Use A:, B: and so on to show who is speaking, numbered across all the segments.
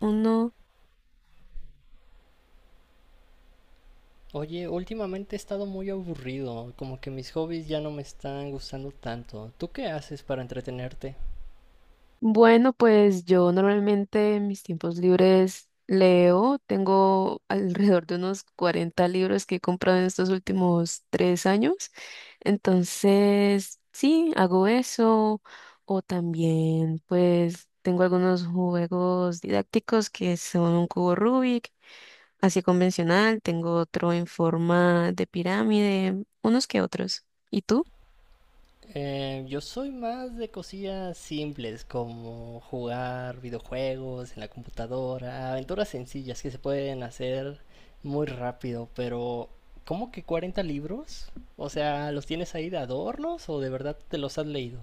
A: Uno,
B: Oye, últimamente he estado muy aburrido, como que mis hobbies ya no me están gustando tanto. ¿Tú qué haces para entretenerte?
A: bueno, pues yo normalmente en mis tiempos libres leo, tengo alrededor de unos 40 libros que he comprado en estos últimos 3 años, entonces sí, hago eso, o también pues tengo algunos juegos didácticos que son un cubo Rubik, así convencional, tengo otro en forma de pirámide, unos que otros. ¿Y tú?
B: Yo soy más de cosillas simples, como jugar videojuegos en la computadora, aventuras sencillas que se pueden hacer muy rápido, pero ¿cómo que 40 libros? O sea, ¿los tienes ahí de adornos o de verdad te los has leído?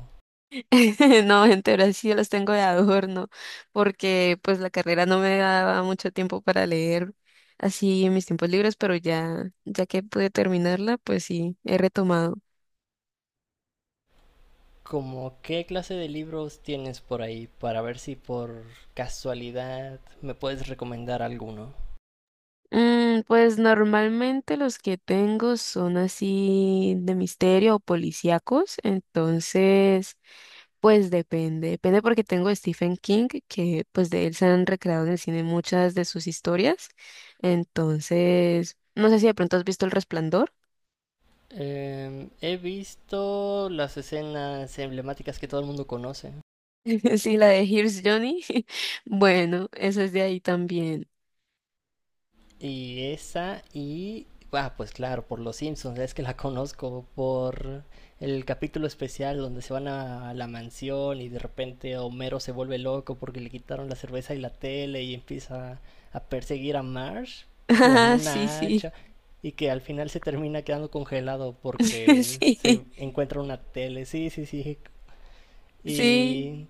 A: No, gente ahora sí los tengo de adorno, porque pues la carrera no me daba mucho tiempo para leer así en mis tiempos libres, pero ya, ya que pude terminarla, pues sí, he retomado.
B: ¿Cómo qué clase de libros tienes por ahí para ver si por casualidad me puedes recomendar alguno?
A: Mm, pues normalmente los que tengo son así de misterio o policíacos, entonces pues depende, depende porque tengo a Stephen King, que pues de él se han recreado en el cine muchas de sus historias, entonces no sé si de pronto has visto El Resplandor.
B: He visto las escenas emblemáticas que todo el mundo conoce.
A: Sí, la de Here's Johnny. Bueno, eso es de ahí también.
B: Y esa y... Ah, pues claro, por Los Simpsons, es que la conozco por el capítulo especial donde se van a la mansión y de repente Homero se vuelve loco porque le quitaron la cerveza y la tele y empieza a perseguir a Marsh con
A: Ah, sí,
B: una
A: sí.
B: hacha y que al final se termina quedando congelado porque
A: Sí,
B: se encuentra una tele. Sí, sí, sí.
A: sí.
B: Y,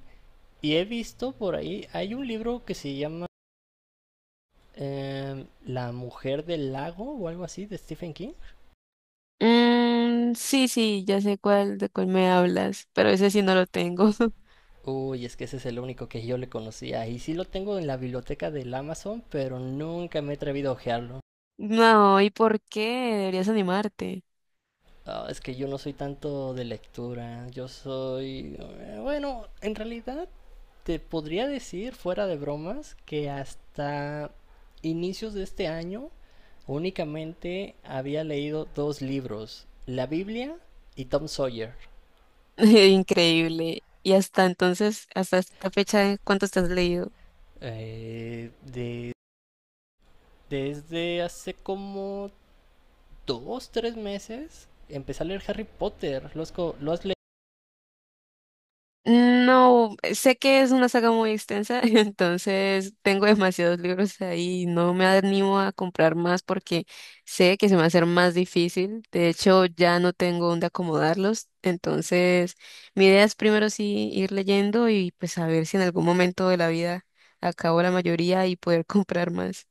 B: y he visto por ahí, hay un libro que se llama la mujer del lago o algo así de Stephen King.
A: Mm, sí, sí, ya sé cuál, de cuál me hablas, pero ese sí no lo tengo.
B: Uy, es que ese es el único que yo le conocía. Y sí lo tengo en la biblioteca del Amazon, pero nunca me he atrevido a ojearlo.
A: No, ¿y por qué? Deberías animarte.
B: Ah, es que yo no soy tanto de lectura. Bueno, en realidad te podría decir, fuera de bromas, que hasta inicios de este año únicamente había leído dos libros. La Biblia y Tom Sawyer.
A: Increíble. Y hasta entonces, hasta esta fecha, ¿cuánto estás leído?
B: De Desde hace como 2, 3 meses empecé a leer Harry Potter. ¿Lo has?
A: No, sé que es una saga muy extensa, entonces tengo demasiados libros ahí no me animo a comprar más porque sé que se me va a hacer más difícil. De hecho, ya no tengo dónde acomodarlos, entonces mi idea es primero sí ir leyendo y pues a ver si en algún momento de la vida acabo la mayoría y poder comprar más.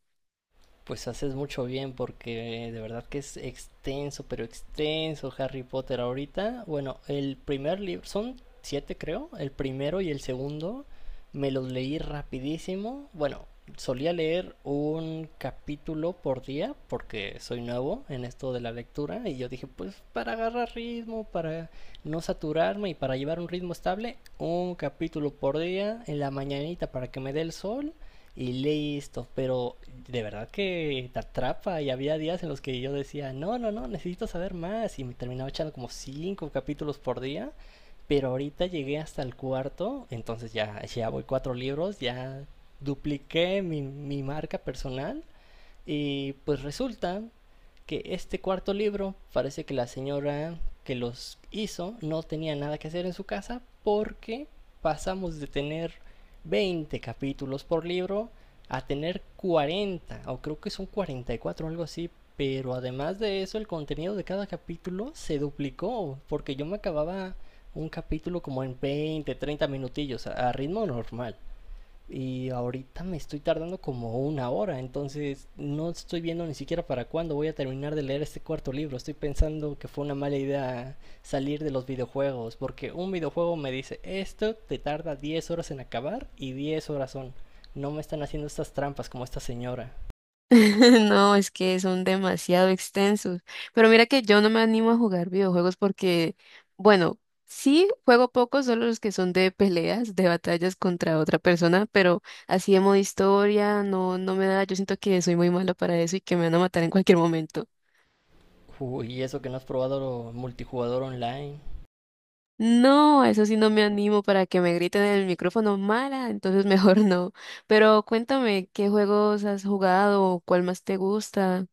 B: Pues haces mucho bien porque de verdad que es extenso, pero extenso Harry Potter ahorita. Bueno, el primer libro, son siete creo, el primero y el segundo me los leí rapidísimo. Bueno, solía leer un capítulo por día porque soy nuevo en esto de la lectura y yo dije, pues para agarrar ritmo, para no saturarme y para llevar un ritmo estable, un capítulo por día en la mañanita para que me dé el sol y listo. Pero de verdad que te atrapa y había días en los que yo decía, no, no, no, necesito saber más y me terminaba echando como cinco capítulos por día. Pero ahorita llegué hasta el cuarto, entonces ya, ya voy cuatro libros, ya dupliqué mi marca personal y pues resulta que este cuarto libro parece que la señora que los hizo no tenía nada que hacer en su casa porque pasamos de tener 20 capítulos por libro a tener 40, o creo que son 44 o algo así, pero además de eso el contenido de cada capítulo se duplicó, porque yo me acababa un capítulo como en 20, 30 minutillos, a ritmo normal. Y ahorita me estoy tardando como una hora, entonces no estoy viendo ni siquiera para cuándo voy a terminar de leer este cuarto libro. Estoy pensando que fue una mala idea salir de los videojuegos, porque un videojuego me dice, esto te tarda 10 horas en acabar y 10 horas son. No me están haciendo estas trampas como esta señora.
A: No, es que son demasiado extensos. Pero mira que yo no me animo a jugar videojuegos porque, bueno, sí juego pocos, solo los que son de peleas, de batallas contra otra persona, pero así de modo historia, no, no me da. Yo siento que soy muy mala para eso y que me van a matar en cualquier momento.
B: Uy, y eso que no has probado multijugador online.
A: No, a eso sí no me animo para que me griten en el micrófono mala, entonces mejor no. Pero cuéntame, ¿qué juegos has jugado? ¿Cuál más te gusta?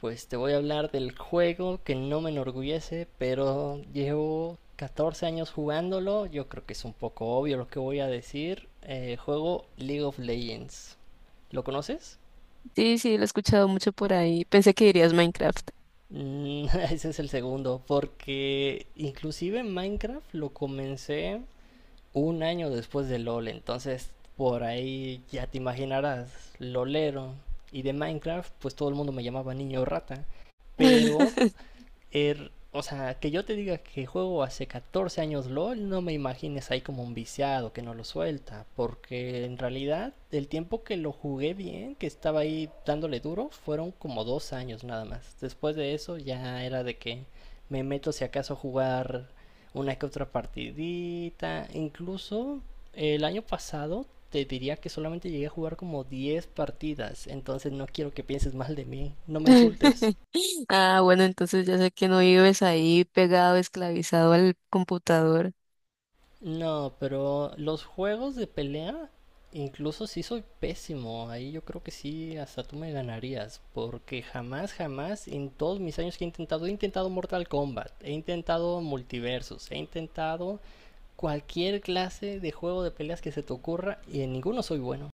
B: Pues te voy a hablar del juego que no me enorgullece, pero llevo 14 años jugándolo. Yo creo que es un poco obvio lo que voy a decir. Juego League of Legends. ¿Lo conoces?
A: Sí, sí, lo he escuchado mucho por ahí. Pensé que dirías Minecraft.
B: Mm, Ese es el segundo, porque inclusive Minecraft lo comencé un año después de LOL, entonces por ahí ya te imaginarás, lolero. Y de Minecraft, pues todo el mundo me llamaba niño rata. Pero o sea, que yo te diga que juego hace 14 años LOL, no me imagines ahí como un viciado que no lo suelta, porque en realidad el tiempo que lo jugué bien, que estaba ahí dándole duro, fueron como 2 años nada más. Después de eso ya era de que me meto si acaso a jugar una que otra partidita, incluso el año pasado te diría que solamente llegué a jugar como 10 partidas, entonces no quiero que pienses mal de mí, no me insultes.
A: Ah, bueno, entonces ya sé que no vives ahí pegado, esclavizado al computador.
B: No, pero los juegos de pelea, incluso si soy pésimo, ahí yo creo que sí, hasta tú me ganarías, porque jamás, jamás en todos mis años que he intentado Mortal Kombat, he intentado multiversos, he intentado cualquier clase de juego de peleas que se te ocurra y en ninguno soy bueno.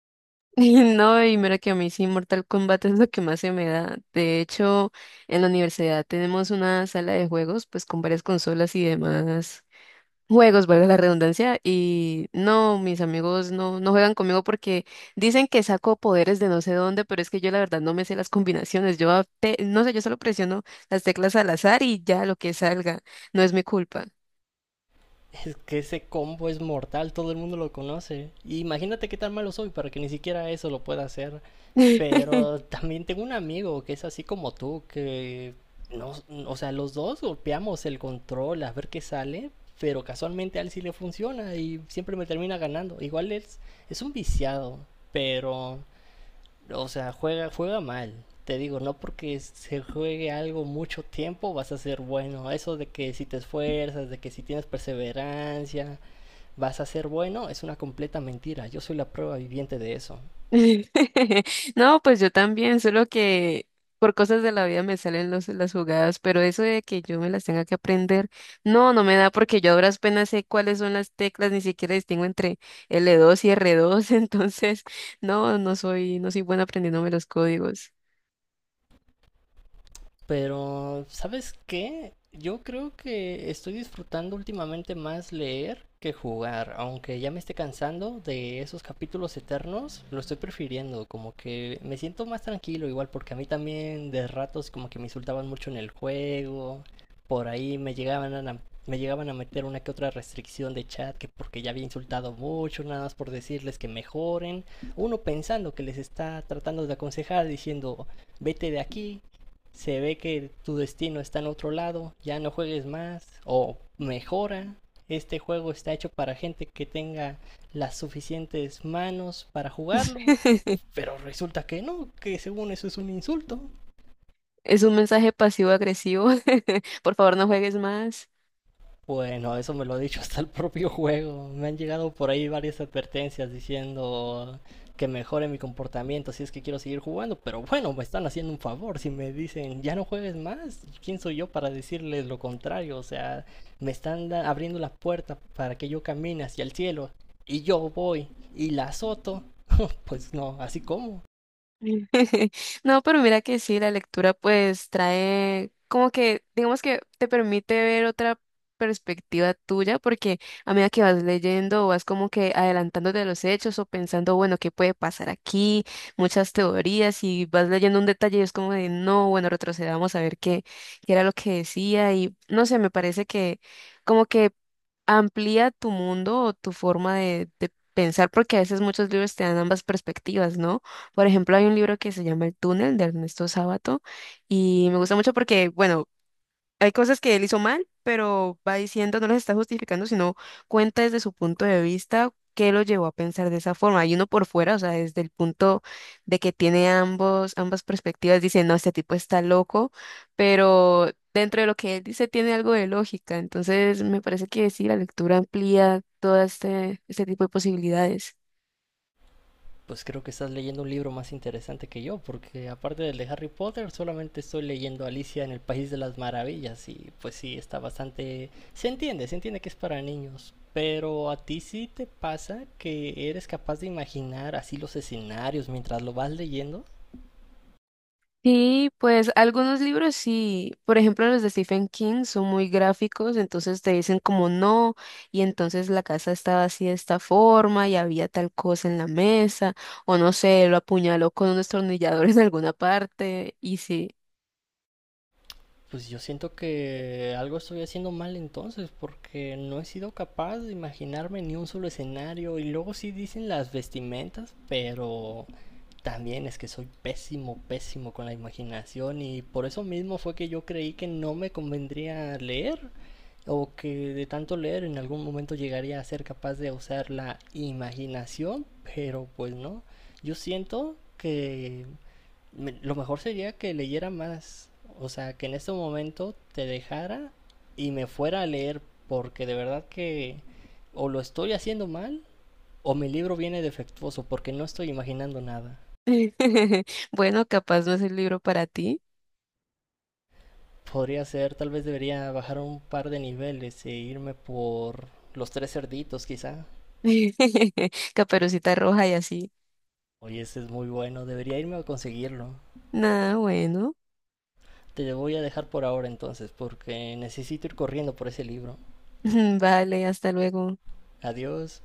A: No, y mira que a mí sí, Mortal Kombat es lo que más se me da. De hecho, en la universidad tenemos una sala de juegos, pues con varias consolas y demás juegos, valga la redundancia, y no, mis amigos no, no juegan conmigo porque dicen que saco poderes de no sé dónde, pero es que yo la verdad no me sé las combinaciones, yo a- no sé, yo solo presiono las teclas al azar y ya lo que salga, no es mi culpa.
B: Es que ese combo es mortal, todo el mundo lo conoce. Y imagínate qué tan malo soy para que ni siquiera eso lo pueda hacer. Pero también tengo un amigo que es así como tú, que no, o sea, los dos golpeamos el control a ver qué sale, pero casualmente a él sí le funciona y siempre me termina ganando. Igual es un viciado, pero, o sea, juega, juega mal. Te digo, no porque se juegue algo mucho tiempo vas a ser bueno. Eso de que si te esfuerzas, de que si tienes perseverancia, vas a ser bueno, es una completa mentira. Yo soy la prueba viviente de eso.
A: No, pues yo también, solo que por cosas de la vida me salen los, las jugadas, pero eso de que yo me las tenga que aprender, no, no me da porque yo a duras penas sé cuáles son las teclas, ni siquiera distingo entre L2 y R2, entonces no, no soy buena aprendiéndome los códigos.
B: Pero, ¿sabes qué? Yo creo que estoy disfrutando últimamente más leer que jugar, aunque ya me esté cansando de esos capítulos eternos, lo estoy prefiriendo, como que me siento más tranquilo igual, porque a mí también de ratos como que me insultaban mucho en el juego, por ahí me llegaban a meter una que otra restricción de chat, que porque ya había insultado mucho, nada más por decirles que mejoren, uno pensando que les está tratando de aconsejar, diciendo, vete de aquí, se ve que tu destino está en otro lado, ya no juegues más o mejora. Este juego está hecho para gente que tenga las suficientes manos para jugarlo, pero resulta que no, que según eso es un insulto.
A: Es un mensaje pasivo-agresivo. Por favor, no juegues más.
B: Bueno, eso me lo ha dicho hasta el propio juego. Me han llegado por ahí varias advertencias diciendo que mejore mi comportamiento si es que quiero seguir jugando, pero bueno, me están haciendo un favor. Si me dicen ya no juegues más, ¿quién soy yo para decirles lo contrario? O sea, me están abriendo la puerta para que yo camine hacia el cielo y yo voy y la azoto. Pues no, así como.
A: No, pero mira que sí, la lectura pues trae como que, digamos que te permite ver otra perspectiva tuya, porque a medida que vas leyendo, vas como que adelantándote de los hechos o pensando, bueno, ¿qué puede pasar aquí? Muchas teorías y vas leyendo un detalle y es como de, no, bueno, retrocedamos a ver qué era lo que decía y no sé, me parece que como que amplía tu mundo o tu forma de pensar, porque a veces muchos libros te dan ambas perspectivas, ¿no? Por ejemplo, hay un libro que se llama El túnel de Ernesto Sábato y me gusta mucho porque, bueno, hay cosas que él hizo mal, pero va diciendo, no las está justificando, sino cuenta desde su punto de vista qué lo llevó a pensar de esa forma. Y uno por fuera, o sea, desde el punto de que tiene ambos, ambas perspectivas, dice, no, este tipo está loco, pero dentro de lo que él dice tiene algo de lógica. Entonces, me parece que sí, la lectura amplía todo este tipo de posibilidades.
B: Pues creo que estás leyendo un libro más interesante que yo, porque aparte del de Harry Potter, solamente estoy leyendo Alicia en el País de las Maravillas y pues sí, está bastante. Se entiende que es para niños, pero a ti sí te pasa que eres capaz de imaginar así los escenarios mientras lo vas leyendo.
A: Sí, pues algunos libros sí, por ejemplo los de Stephen King son muy gráficos, entonces te dicen como no, y entonces la casa estaba así de esta forma y había tal cosa en la mesa, o no sé, lo apuñaló con un destornillador en alguna parte, y sí.
B: Pues yo siento que algo estoy haciendo mal entonces, porque no he sido capaz de imaginarme ni un solo escenario. Y luego sí dicen las vestimentas, pero también es que soy pésimo, pésimo con la imaginación. Y por eso mismo fue que yo creí que no me convendría leer, o que de tanto leer en algún momento llegaría a ser capaz de usar la imaginación, pero pues no. Yo siento que lo mejor sería que leyera más. O sea, que en este momento te dejara y me fuera a leer, porque de verdad que o lo estoy haciendo mal o mi libro viene defectuoso, porque no estoy imaginando nada.
A: Bueno, capaz no es el libro para ti.
B: Podría ser, tal vez debería bajar un par de niveles e irme por los tres cerditos, quizá.
A: Caperucita Roja y así.
B: Oye, ese es muy bueno, debería irme a conseguirlo.
A: Nada, bueno.
B: Te voy a dejar por ahora entonces, porque necesito ir corriendo por ese libro.
A: Vale, hasta luego.
B: Adiós.